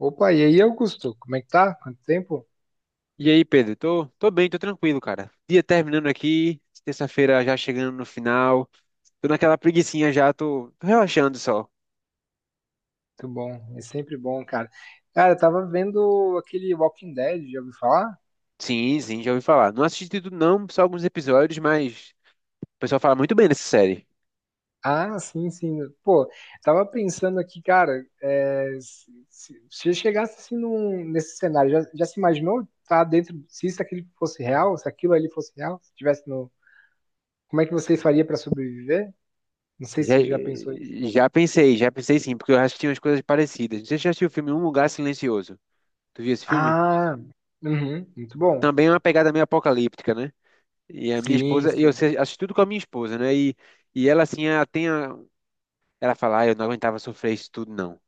Opa, e aí, Augusto? Como é que tá? Quanto tempo? E aí, Pedro? Tô bem, tô tranquilo, cara. Dia terminando aqui, terça-feira já chegando no final. Tô naquela preguicinha já, tô relaxando só. Muito bom, é sempre bom, cara. Cara, eu tava vendo aquele Walking Dead, já ouviu falar? Sim, sim, já ouvi falar. Não assisti tudo não, só alguns episódios, mas o pessoal fala muito bem dessa série. Ah, sim, sim. Pô, tava pensando aqui, cara, se eu chegasse assim nesse cenário, já se imaginou estar dentro, se isso aquilo fosse real, se aquilo ali fosse real, se tivesse no. Como é que vocês faria pra sobreviver? Não sei Já, se já pensou isso. Já pensei sim, porque eu assisti umas coisas parecidas. Não sei se você já assistiu o filme Um Lugar Silencioso. Tu viu esse filme? Ah, uhum, muito bom. Também é uma pegada meio apocalíptica, né? E a minha Sim, esposa, eu sim. assisti tudo com a minha esposa, né? E ela assim, ela tem a, ela fala, ah, eu não aguentava sofrer isso tudo não.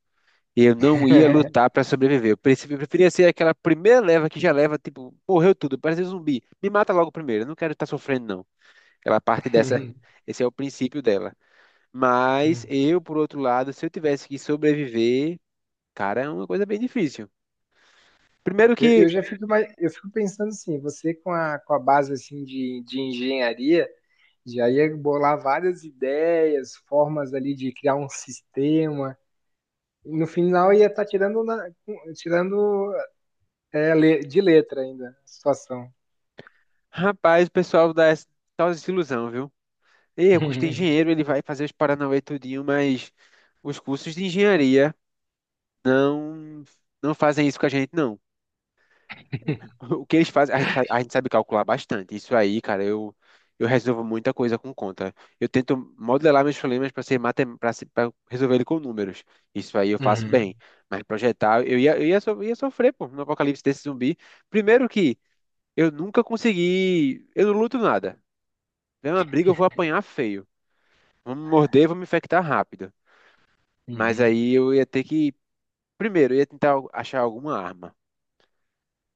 Eu não ia lutar pra sobreviver. Eu preferia ser aquela primeira leva que já leva, tipo, morreu tudo, parece um zumbi. Me mata logo primeiro, eu não quero estar sofrendo, não. Ela parte dessa, esse é o princípio dela. Mas eu, por outro lado, se eu tivesse que sobreviver, cara, é uma coisa bem difícil. Primeiro Eu, que, eu já fico, eu fico pensando assim, você com com a base assim de engenharia, já ia bolar várias ideias, formas ali de criar um sistema. No final ia estar tirando, tirando de letra ainda a situação. rapaz, o pessoal dá essa tal desilusão, viu? Ei, Augusto é engenheiro, ele vai fazer os paranauê tudinho, mas os cursos de engenharia não, não fazem isso com a gente, não. O que eles fazem, a gente, a gente sabe calcular bastante. Isso aí, cara, eu resolvo muita coisa com conta. Eu tento modelar meus problemas para ser matem para resolver ele com números. Isso aí eu faço Uhum, bem. Mas projetar, ia sofrer, pô, no apocalipse desse zumbi. Primeiro que eu nunca consegui, eu não luto nada. Vem uma briga, eu vou apanhar feio. Vão me morder, vão me infectar rápido. Mas uhum. aí eu ia ter que, primeiro, eu ia tentar achar alguma arma.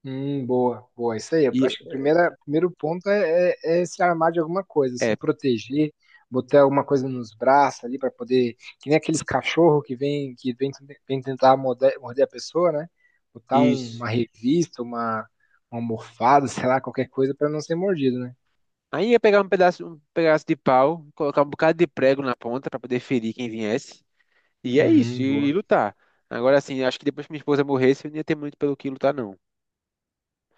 Boa, boa. Isso aí. E Acho que o primeiro ponto é, é se armar de alguma coisa, se é proteger, botar alguma coisa nos braços ali para poder. Que nem aqueles cachorros que vem, vem tentar morder a pessoa, né? Botar isso. uma revista, uma almofada, sei lá, qualquer coisa para não ser mordido, né? Aí ia pegar um pedaço de pau, colocar um bocado de prego na ponta para poder ferir quem viesse. E é isso, Boa. e lutar. Agora sim, acho que depois que minha esposa morresse, eu não ia ter muito pelo que lutar, não.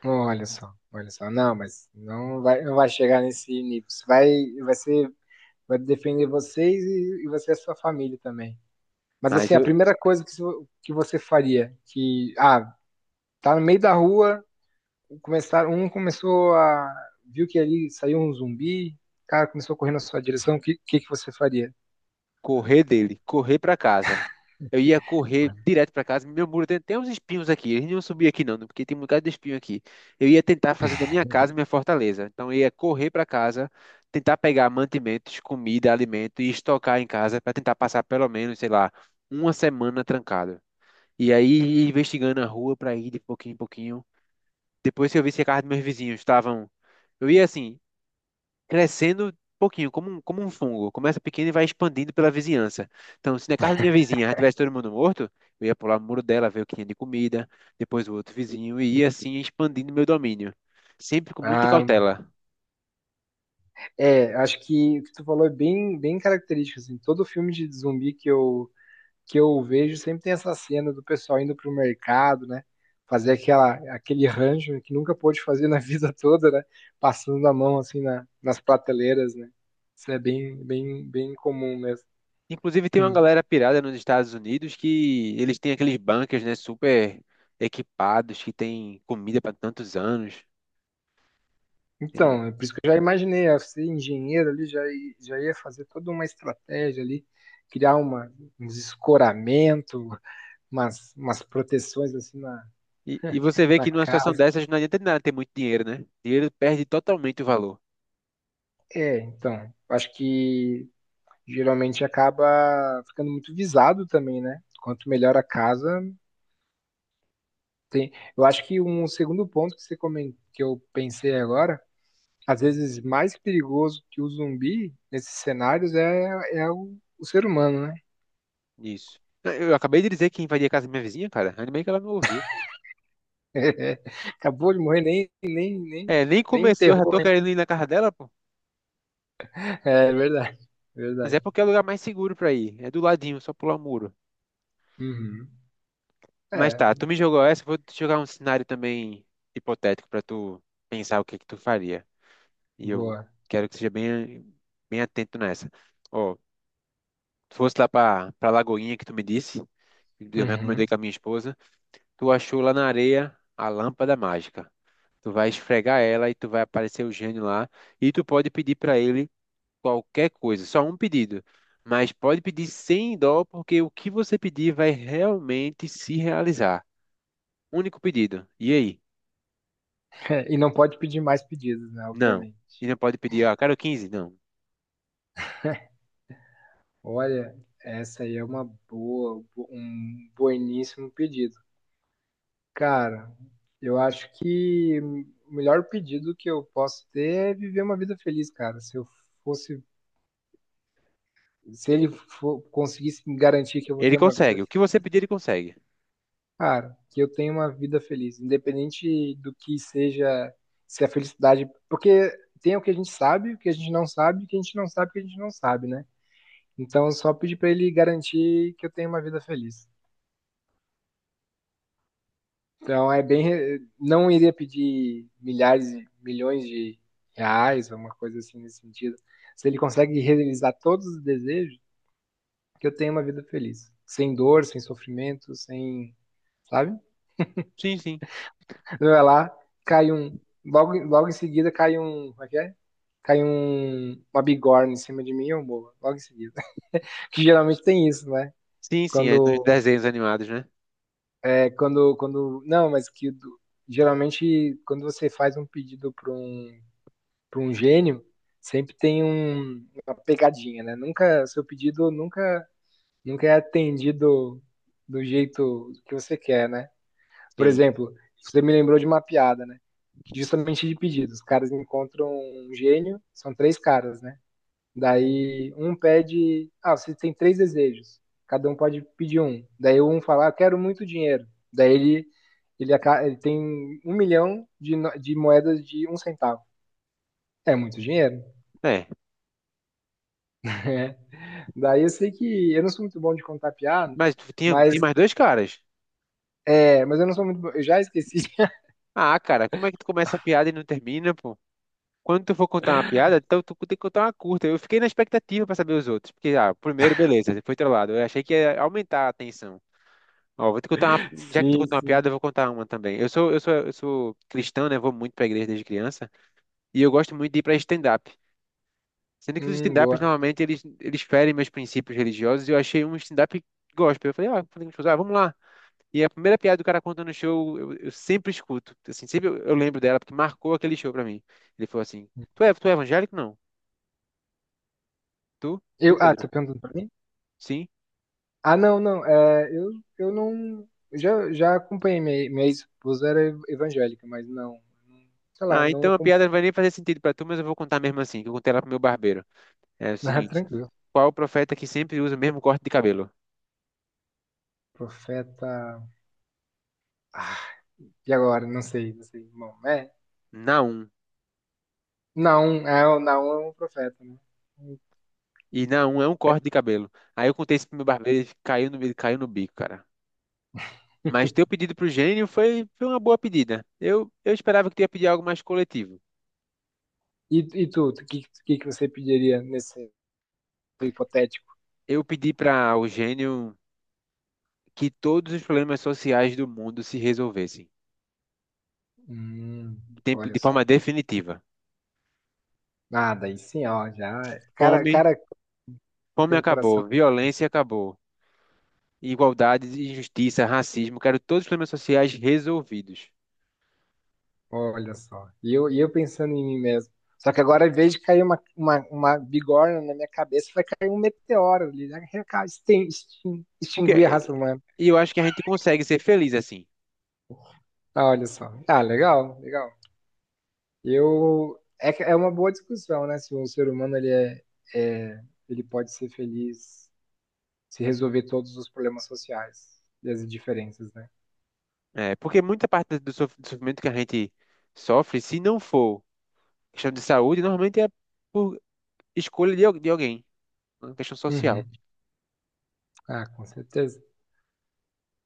Olha só, olha só. Não, mas não vai chegar nesse nível. Você vai, vai ser, vai defender vocês e você e a sua família também. Mas Mas assim, a eu primeira coisa que, que você faria, que, ah, tá no meio da rua, começar, um começou a, viu que ali saiu um zumbi, o cara começou correndo na sua direção, que você faria? correr dele, correr para casa. Eu ia correr direto para casa. Meu muro tem uns espinhos aqui. Eles não iam subir aqui, não, porque tem um bocado de espinho aqui. Eu ia tentar fazer da minha casa minha fortaleza. Então eu ia correr para casa, tentar pegar mantimentos, comida, alimento e estocar em casa para tentar passar pelo menos, sei lá, uma semana trancado. E aí ia investigando a rua para ir de pouquinho em pouquinho. Depois que eu vi se a casa dos meus vizinhos estavam. Eu ia assim, crescendo pouquinho, como um fungo. Começa pequeno e vai expandindo pela vizinhança. Então, se na casa da minha vizinha já tivesse todo mundo morto, eu ia pular o muro dela, ver o que tinha de comida, depois o outro vizinho, e ia assim expandindo meu domínio. Sempre com muita Ah, cautela. é, acho que o que tu falou é bem, bem característico, assim, todo filme de zumbi que eu vejo sempre tem essa cena do pessoal indo pro mercado, né? Fazer aquela, aquele rancho que nunca pôde fazer na vida toda, né? Passando a mão assim nas prateleiras, né? Isso é bem, bem, bem comum mesmo. Inclusive, tem uma Hum. galera pirada nos Estados Unidos que eles têm aqueles bunkers, né, super equipados, que tem comida para tantos anos. Tem um Então, é por isso que eu já imaginei, ó, ser engenheiro ali, já, já ia fazer toda uma estratégia ali, criar uma, uns escoramento, umas, umas proteções assim na, e você vê na que numa situação casa. dessas não adianta de nada ter muito dinheiro, né? Dinheiro perde totalmente o valor É, então, acho que geralmente acaba ficando muito visado também, né? Quanto melhor a casa, tem. Eu acho que um segundo ponto que você comentou, que eu pensei agora, às vezes mais perigoso que o zumbi nesses cenários é, é o ser humano, né? nisso. Eu acabei de dizer que invadi a casa da minha vizinha, cara. Ainda bem que ela não ouviu. Acabou de morrer, É, nem nem começou, já enterrou, tô hein? querendo ir na casa dela, pô. É verdade, Mas é verdade. porque é o lugar mais seguro pra ir. É do ladinho, só pular o muro. Uhum. Mas É, tá, tu me jogou essa, eu vou te jogar um cenário também hipotético pra tu pensar o que que tu faria. E eu boa. quero que seja bem, bem atento nessa. Ó, tu fosse lá pra Lagoinha que tu me disse, eu recomendei Uhum. com a minha esposa. Tu achou lá na areia a lâmpada mágica. Tu vai esfregar ela e tu vai aparecer o gênio lá. E tu pode pedir para ele qualquer coisa, só um pedido. Mas pode pedir sem dó, porque o que você pedir vai realmente se realizar. Único pedido. E aí? E não pode pedir mais pedidos, né? Não. Obviamente. E não pode pedir, ah, quero 15 não. Olha, essa aí é uma boa, um bueníssimo pedido. Cara, eu acho que o melhor pedido que eu posso ter é viver uma vida feliz, cara. Se eu fosse, se ele conseguisse me garantir que eu vou Ele ter uma vida, consegue. O que você pedir, ele consegue. cara, que eu tenho uma vida feliz, independente do que seja, se a felicidade, porque tem o que a gente sabe, o que a gente não sabe, o que a gente não sabe, o que a gente não sabe, né? Então, só pedir pra ele garantir que eu tenho uma vida feliz. Então é bem. Não iria pedir milhares, e milhões de reais, alguma coisa assim nesse sentido. Se ele consegue realizar todos os desejos, que eu tenha uma vida feliz. Sem dor, sem sofrimento, sem. Sabe? Sim, sim. Vai lá, cai um. Logo, logo em seguida cai um. Como é que é? Cai um, uma bigorna em cima de mim, eu morro. Logo em seguida. Que geralmente tem isso, né? Sim, sim. É nos Quando. desenhos animados, né? É, quando. Não, mas que. Geralmente, quando você faz um pedido para para um gênio, sempre tem uma pegadinha, né? Nunca, seu pedido nunca, nunca é atendido do jeito que você quer, né? Por Sim. exemplo, você me lembrou de uma piada, né? Justamente de pedidos. Os caras encontram um gênio, são três caras, né? Daí um pede, ah, você tem três desejos. Cada um pode pedir um. Daí um fala, ah, quero muito dinheiro. Daí ele tem um milhão de, de moedas de um centavo. É muito dinheiro. É. Daí eu sei que eu não sou muito bom de contar piada, Mas tu tinha, mas tinha mais dois caras. é, mas eu não sou muito bom. Eu já esqueci. Ah, cara, como é que tu começa a piada e não termina, quando tu for contar uma piada, então tu tem que contar uma curta. Eu fiquei na expectativa pra saber os outros. Porque, ah, o primeiro, beleza, foi trollado. Eu achei que ia aumentar a tensão. Ó, vou te contar uma... Já que tu Sim, contou uma sim. piada, eu vou contar uma também. Eu sou cristão, né? Vou muito pra igreja desde criança. E eu gosto muito de ir pra stand-up. Sendo que os stand-ups, Boa. normalmente, eles ferem meus princípios religiosos. E eu achei um stand-up gospel. Eu falei, ah, falei com os meus amigos, ah, vamos lá. E a primeira piada do cara contando no show, eu sempre escuto. Assim, sempre eu lembro dela, porque marcou aquele show pra mim. Ele falou assim, tu é evangélico? Não. Tu? Tu, Eu, ah, Pedro? tá perguntando pra mim? Sim? Ah, não, não. É, eu não. Eu já, já acompanhei minha, minha esposa, era evangélica, mas não. não- Sei lá, Ah, não. então a acom- piada não vai nem fazer sentido pra tu, mas eu vou contar mesmo assim, que eu contei ela pro meu barbeiro. É o Ah, seguinte: tranquilo. qual o profeta que sempre usa o mesmo corte de cabelo? Profeta. Ah, E agora? Não sei, não sei. Bom, é. Naum. Não, é, o não é um profeta, né? E Naum é um corte de cabelo. Aí eu contei isso pro meu barbeiro, ele caiu no bico, cara. Mas teu pedido pro gênio foi, foi uma boa pedida. Eu esperava que tu ia pedir algo mais coletivo. E, e tu, que você pediria nesse hipotético? Eu pedi para o gênio que todos os problemas sociais do mundo se resolvessem, Hum, olha de forma só. definitiva. Nada, aí sim, ó, já. Cara, Fome, cara fome tem um coração. acabou, violência acabou. Igualdade, injustiça, racismo, quero todos os problemas sociais resolvidos. Olha só. E eu pensando em mim mesmo. Só que agora, em vez de cair uma bigorna na minha cabeça, vai cair um meteoro ali, né? Extinguir a Porque raça humana. e eu acho que a gente consegue ser feliz assim. Ah, olha só. Ah, legal, legal. Eu. É, é uma boa discussão, né? Se o ser humano ele é, é- ele pode ser feliz se resolver todos os problemas sociais e as diferenças, né? É, porque muita parte do do sofrimento que a gente sofre, se não for questão de saúde, normalmente é por escolha de alguém, uma questão social. Uhum. Ah, com certeza.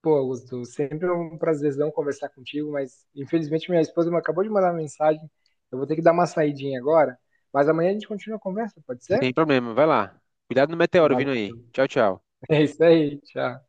Pô, Augusto, sempre é um prazerzão conversar contigo, mas infelizmente minha esposa me acabou de mandar uma mensagem. Eu vou ter que dar uma saidinha agora, mas amanhã a gente continua a conversa, pode ser? Sem problema, vai lá. Cuidado no meteoro Valeu. vindo aí. Tchau, tchau. É isso aí, tchau.